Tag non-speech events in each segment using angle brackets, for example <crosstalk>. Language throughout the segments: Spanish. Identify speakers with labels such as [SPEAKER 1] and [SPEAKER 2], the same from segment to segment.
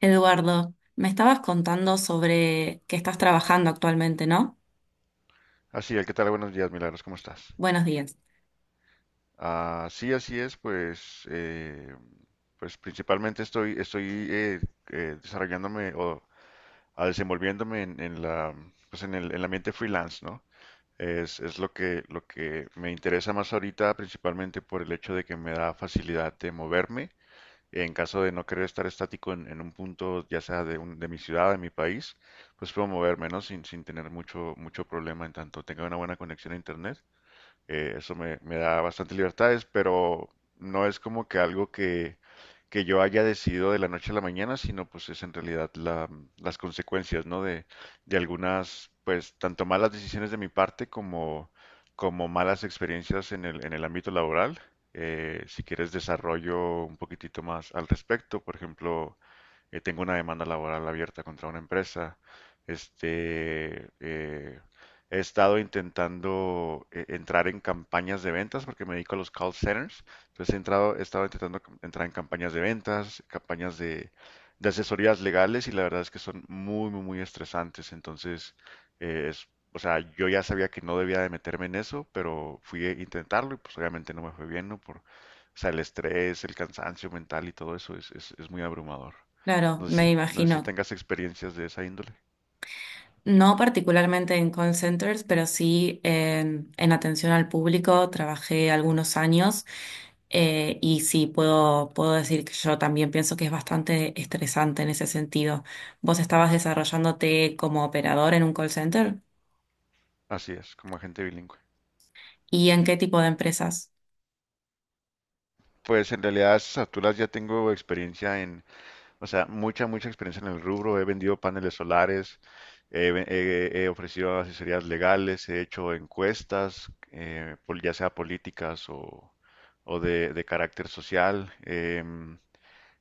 [SPEAKER 1] Eduardo, me estabas contando sobre que estás trabajando actualmente, ¿no?
[SPEAKER 2] Así ¿qué tal? Buenos días, Milagros, ¿cómo estás?
[SPEAKER 1] Buenos días.
[SPEAKER 2] Ah, sí, así es, pues, pues principalmente estoy desarrollándome o desenvolviéndome en pues en el ambiente freelance, ¿no? Es lo que me interesa más ahorita, principalmente por el hecho de que me da facilidad de moverme en caso de no querer estar estático en un punto, ya sea de, de mi ciudad, de mi país, pues puedo moverme, ¿no? Sin tener mucho problema en tanto tenga una buena conexión a internet. Eso me da bastante libertades, pero no es como que algo que yo haya decidido de la noche a la mañana, sino pues es en realidad las consecuencias, ¿no? De algunas, pues, tanto malas decisiones de mi parte como, como malas experiencias en el ámbito laboral. Si quieres desarrollo un poquitito más al respecto, por ejemplo, tengo una demanda laboral abierta contra una empresa. Este, he estado intentando entrar en campañas de ventas porque me dedico a los call centers. Entonces he entrado, he estado intentando entrar en campañas de ventas, campañas de asesorías legales y la verdad es que son muy, muy, muy estresantes. Entonces, eh, es, o sea, yo ya sabía que no debía de meterme en eso, pero fui a intentarlo y pues obviamente no me fue bien, ¿no? Por, o sea, el estrés, el cansancio mental y todo eso es muy abrumador.
[SPEAKER 1] Claro,
[SPEAKER 2] No sé
[SPEAKER 1] me
[SPEAKER 2] si, no sé si
[SPEAKER 1] imagino.
[SPEAKER 2] tengas experiencias de esa índole.
[SPEAKER 1] No particularmente en call centers, pero sí en atención al público. Trabajé algunos años y sí puedo, puedo decir que yo también pienso que es bastante estresante en ese sentido. ¿Vos estabas desarrollándote como operador en un call center?
[SPEAKER 2] Así es, como agente bilingüe.
[SPEAKER 1] ¿Y en qué tipo de empresas?
[SPEAKER 2] Pues en realidad a esas alturas ya tengo experiencia en, o sea, mucha, mucha experiencia en el rubro. He vendido paneles solares, he ofrecido asesorías legales, he hecho encuestas, ya sea políticas o de carácter social.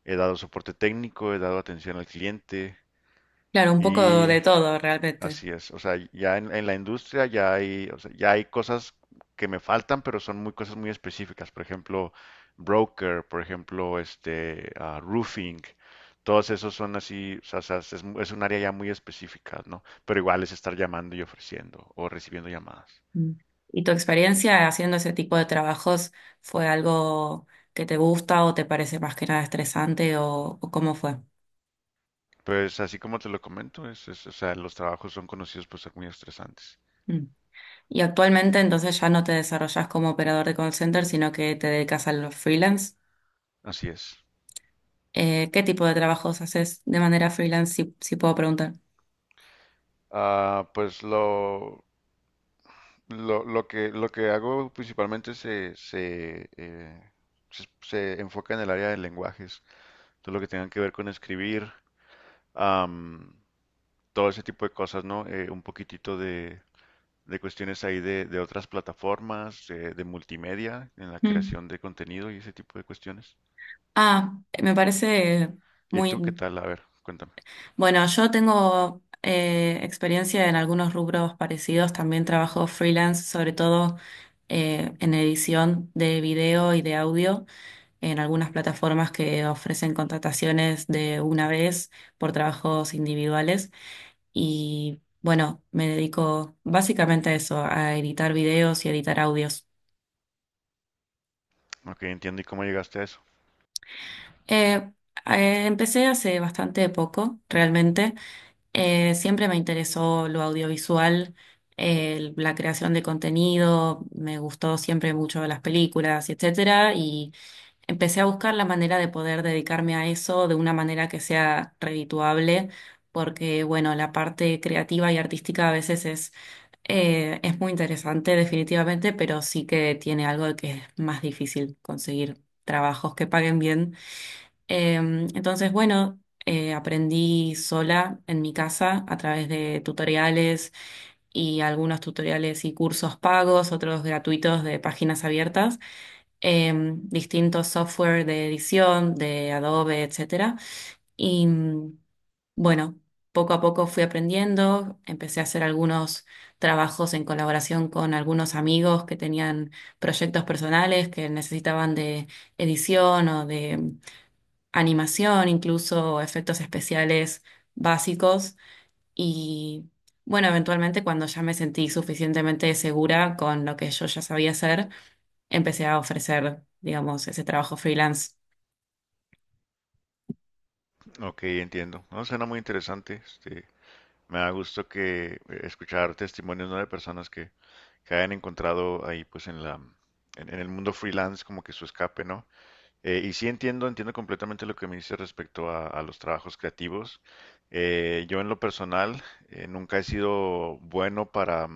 [SPEAKER 2] He dado soporte técnico, he dado atención al cliente
[SPEAKER 1] Claro, un poco
[SPEAKER 2] y
[SPEAKER 1] de todo realmente.
[SPEAKER 2] así es, o sea, ya en la industria ya hay, o sea, ya hay cosas que me faltan, pero son muy cosas muy específicas. Por ejemplo, broker, por ejemplo, este roofing, todos esos son así, o sea, es un área ya muy específica, ¿no? Pero igual es estar llamando y ofreciendo o recibiendo llamadas.
[SPEAKER 1] Mm. ¿Y tu experiencia haciendo ese tipo de trabajos fue algo que te gusta o te parece más que nada estresante o cómo fue?
[SPEAKER 2] Pues así como te lo comento, o sea, los trabajos son conocidos por ser muy estresantes.
[SPEAKER 1] Mm. Y actualmente entonces ya no te desarrollas como operador de call center, sino que te dedicas a los freelance.
[SPEAKER 2] Así es.
[SPEAKER 1] ¿Qué tipo de trabajos haces de manera freelance, si puedo preguntar?
[SPEAKER 2] Ah, pues lo que hago principalmente se enfoca en el área de lenguajes, todo lo que tenga que ver con escribir, am, todo ese tipo de cosas, ¿no? Un poquitito de cuestiones ahí de otras plataformas, de multimedia, en la
[SPEAKER 1] Mm.
[SPEAKER 2] creación de contenido y ese tipo de cuestiones.
[SPEAKER 1] Ah, me parece
[SPEAKER 2] ¿Y
[SPEAKER 1] muy.
[SPEAKER 2] tú qué tal? A ver, cuéntame.
[SPEAKER 1] Bueno, yo tengo experiencia en algunos rubros parecidos. También trabajo freelance, sobre todo en edición de video y de audio, en algunas plataformas que ofrecen contrataciones de una vez por trabajos individuales. Y bueno, me dedico básicamente a eso, a editar videos y editar audios.
[SPEAKER 2] Ok, entiendo. ¿Y cómo llegaste a eso?
[SPEAKER 1] Eh, Empecé hace bastante poco, realmente. Siempre me interesó lo audiovisual, la creación de contenido, me gustó siempre mucho las películas, etcétera, y empecé a buscar la manera de poder dedicarme a eso de una manera que sea redituable, porque bueno, la parte creativa y artística a veces es muy interesante definitivamente, pero sí que tiene algo de que es más difícil conseguir trabajos que paguen bien. Entonces, bueno, aprendí sola en mi casa a través de tutoriales y algunos tutoriales y cursos pagos, otros gratuitos de páginas abiertas, distintos software de edición, de Adobe, etcétera. Y bueno, poco a poco fui aprendiendo, empecé a hacer algunos trabajos en colaboración con algunos amigos que tenían proyectos personales que necesitaban de edición o de animación, incluso efectos especiales básicos. Y bueno, eventualmente cuando ya me sentí suficientemente segura con lo que yo ya sabía hacer, empecé a ofrecer, digamos, ese trabajo freelance.
[SPEAKER 2] Ok, entiendo. No, suena muy interesante. Este, me da gusto que escuchar testimonios, ¿no? De personas que hayan encontrado ahí pues en la en el mundo freelance como que su escape, ¿no? Y sí entiendo, entiendo completamente lo que me dice respecto a los trabajos creativos. Yo en lo personal nunca he sido bueno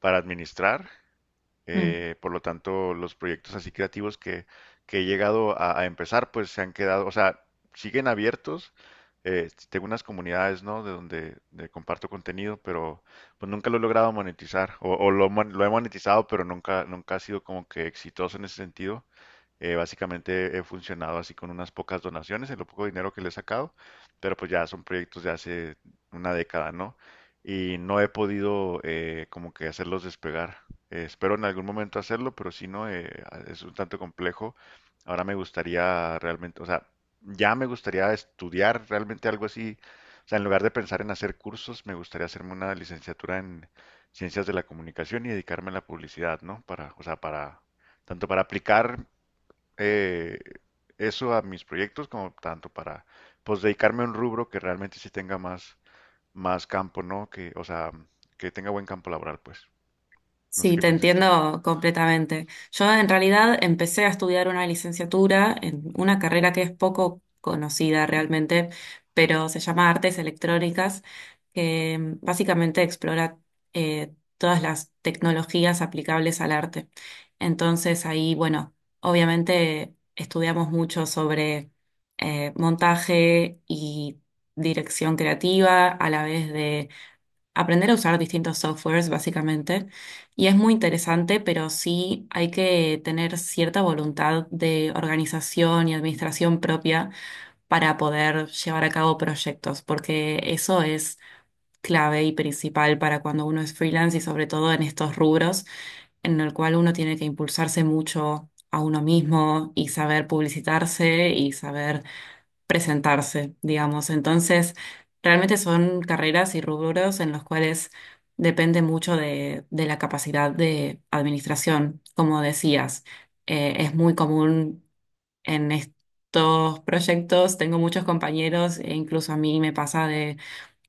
[SPEAKER 2] para administrar. Por lo tanto, los proyectos así creativos que he llegado a empezar, pues se han quedado, o sea, siguen abiertos. Tengo unas comunidades, ¿no? De donde de comparto contenido, pero pues nunca lo he logrado monetizar. O, lo he monetizado, pero nunca, nunca ha sido como que exitoso en ese sentido. Básicamente he funcionado así con unas pocas donaciones, en lo poco dinero que le he sacado, pero pues ya son proyectos de hace una década, ¿no? Y no he podido como que hacerlos despegar. Espero en algún momento hacerlo, pero si no, es un tanto complejo. Ahora me gustaría realmente, o sea, ya me gustaría estudiar realmente algo así. O sea, en lugar de pensar en hacer cursos, me gustaría hacerme una licenciatura en ciencias de la comunicación y dedicarme a la publicidad, ¿no? Para, o sea, para, tanto para aplicar eh, eso a mis proyectos como tanto para pues dedicarme a un rubro que realmente sí tenga más, más campo, ¿no? Que, o sea, que tenga buen campo laboral, pues. No sé
[SPEAKER 1] Sí,
[SPEAKER 2] qué
[SPEAKER 1] te
[SPEAKER 2] piensas tú.
[SPEAKER 1] entiendo completamente. Yo en realidad empecé a estudiar una licenciatura en una carrera que es poco conocida realmente, pero se llama Artes Electrónicas, que básicamente explora todas las tecnologías aplicables al arte. Entonces ahí, bueno, obviamente estudiamos mucho sobre montaje y dirección creativa, a la vez de aprender a usar distintos softwares, básicamente. Y es muy interesante, pero sí hay que tener cierta voluntad de organización y administración propia para poder llevar a cabo proyectos, porque eso es clave y principal para cuando uno es freelance y sobre todo en estos rubros en el cual uno tiene que impulsarse mucho a uno mismo y saber publicitarse y saber presentarse, digamos. Entonces, realmente son carreras y rubros en los cuales depende mucho de la capacidad de administración. Como decías, es muy común en estos proyectos, tengo muchos compañeros e incluso a mí me pasa de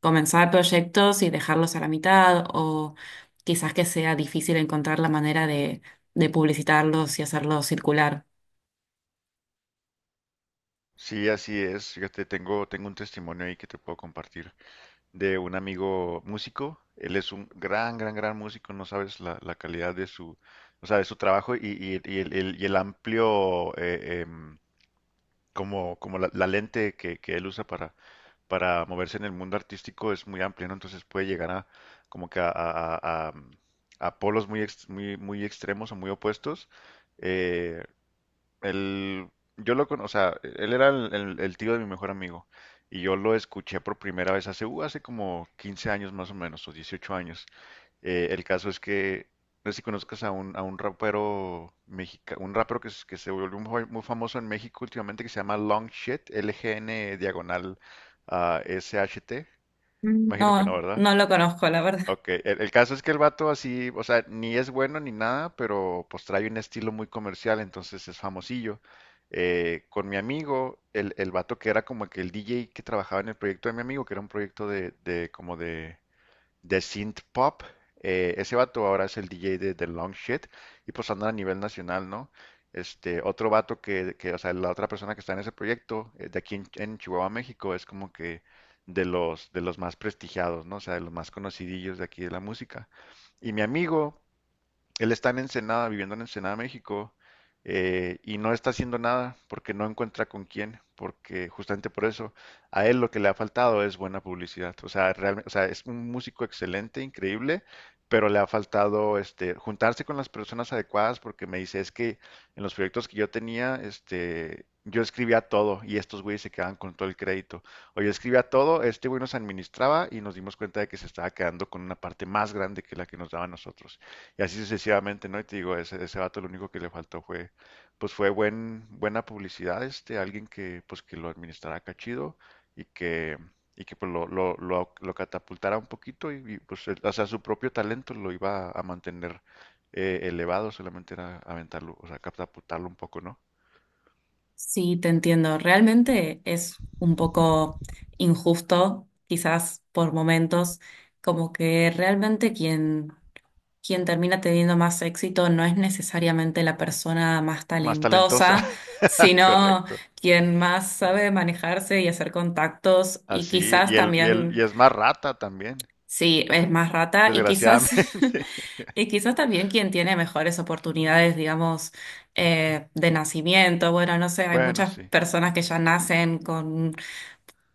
[SPEAKER 1] comenzar proyectos y dejarlos a la mitad o quizás que sea difícil encontrar la manera de publicitarlos y hacerlos circular.
[SPEAKER 2] Sí, así es. Fíjate, tengo un testimonio ahí que te puedo compartir de un amigo músico. Él es un gran, gran, gran músico. No sabes la, la calidad de su, o sea, de su trabajo y el amplio como, como la lente que él usa para moverse en el mundo artístico es muy amplia, ¿no? Entonces puede llegar a como que a polos muy, muy, muy extremos o muy opuestos. Eh, él- yo lo con, o sea, él era el tío de mi mejor amigo y yo lo escuché por primera vez hace, hace como 15 años más o menos, o 18 años. El caso es que, no sé si conozcas a un rapero mexicano, un rapero que, que se volvió muy, muy famoso en México últimamente que se llama Long Shit, LGN diagonal SHT.
[SPEAKER 1] Mm,
[SPEAKER 2] Imagino que no,
[SPEAKER 1] no,
[SPEAKER 2] ¿verdad?
[SPEAKER 1] no lo conozco, la verdad.
[SPEAKER 2] Ok, el caso es que el vato así, o sea, ni es bueno ni nada, pero pues trae un estilo muy comercial, entonces es famosillo. Con mi amigo, el vato que era como que el DJ que trabajaba en el proyecto de mi amigo, que era un proyecto de como de synth pop. Ese vato ahora es el DJ de The Long Shit y pues andan a nivel nacional, ¿no? Este, otro vato que, o sea, la otra persona que está en ese proyecto, de aquí en Chihuahua, México, es como que de los más prestigiados, ¿no? O sea, de los más conocidillos de aquí de la música. Y mi amigo, él está en Ensenada, viviendo en Ensenada, México, y no está haciendo nada porque no encuentra con quién, porque justamente por eso a él lo que le ha faltado es buena publicidad. O sea, realmente, o sea, es un músico excelente, increíble, pero le ha faltado este, juntarse con las personas adecuadas porque me dice, es que en los proyectos que yo tenía, este, yo escribía todo y estos güeyes se quedaban con todo el crédito. O yo escribía todo, este güey nos administraba y nos dimos cuenta de que se estaba quedando con una parte más grande que la que nos daba a nosotros. Y así sucesivamente, ¿no? Y te digo, ese vato lo único que le faltó fue, pues fue buen, buena publicidad, este, alguien que, pues que lo administrara acá chido y que, y que pues lo catapultara un poquito y, pues, o sea, su propio talento lo iba a mantener elevado, solamente era aventarlo, o sea, catapultarlo un poco, ¿no?
[SPEAKER 1] Sí, te entiendo. Realmente es un poco injusto, quizás por momentos, como que realmente quien termina teniendo más éxito no es necesariamente la persona más
[SPEAKER 2] Más talentosa,
[SPEAKER 1] talentosa,
[SPEAKER 2] <laughs>
[SPEAKER 1] sino
[SPEAKER 2] correcto.
[SPEAKER 1] quien más sabe manejarse y hacer contactos y
[SPEAKER 2] Así,
[SPEAKER 1] quizás
[SPEAKER 2] y él, y
[SPEAKER 1] también.
[SPEAKER 2] es más rata también,
[SPEAKER 1] Sí, es más rata y quizás, <laughs>
[SPEAKER 2] desgraciadamente. <laughs>
[SPEAKER 1] y quizás también quien tiene mejores oportunidades, digamos, de nacimiento. Bueno, no sé, hay
[SPEAKER 2] Bueno,
[SPEAKER 1] muchas
[SPEAKER 2] sí.
[SPEAKER 1] personas que ya nacen con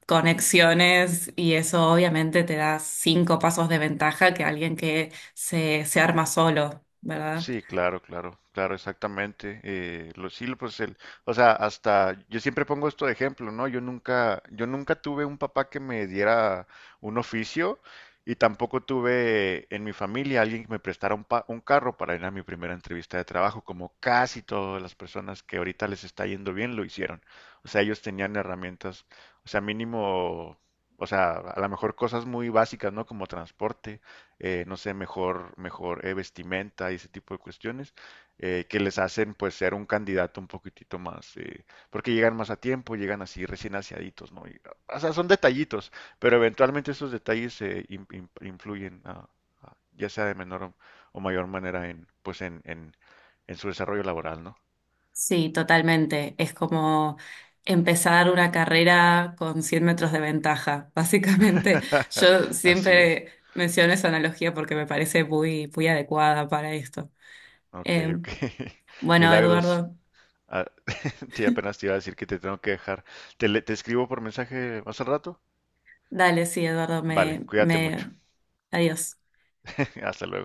[SPEAKER 1] conexiones y eso obviamente te da 5 pasos de ventaja que alguien que se arma solo, ¿verdad?
[SPEAKER 2] Sí, claro, claro, claro, exactamente. Sí, pues el, o sea, hasta yo siempre pongo esto de ejemplo, ¿no? Yo nunca tuve un papá que me diera un oficio y tampoco tuve en mi familia alguien que me prestara un, un carro para ir a mi primera entrevista de trabajo, como casi todas las personas que ahorita les está yendo bien lo hicieron. O sea, ellos tenían herramientas, o sea, mínimo, o sea, a lo mejor cosas muy básicas, ¿no? Como transporte no sé, mejor, mejor vestimenta y ese tipo de cuestiones, que les hacen pues ser un candidato un poquitito más, porque llegan más a tiempo, llegan así recién aseaditos, ¿no? Y, o sea, son detallitos, pero eventualmente esos detalles influyen, ya sea de menor o mayor manera en, en su desarrollo laboral, ¿no?
[SPEAKER 1] Sí, totalmente. Es como empezar una carrera con 100 metros de ventaja. <laughs> Básicamente,
[SPEAKER 2] <laughs>
[SPEAKER 1] yo
[SPEAKER 2] Así es.
[SPEAKER 1] siempre menciono esa analogía porque me parece muy, muy adecuada para esto.
[SPEAKER 2] Ok,
[SPEAKER 1] Eh,
[SPEAKER 2] ok. <laughs>
[SPEAKER 1] bueno,
[SPEAKER 2] Milagros.
[SPEAKER 1] Eduardo,
[SPEAKER 2] Ah, <laughs> sí, apenas te iba a decir que te tengo que dejar. Te escribo por mensaje más al rato.
[SPEAKER 1] dale, sí, Eduardo,
[SPEAKER 2] Vale, cuídate mucho.
[SPEAKER 1] adiós.
[SPEAKER 2] <laughs> Hasta luego.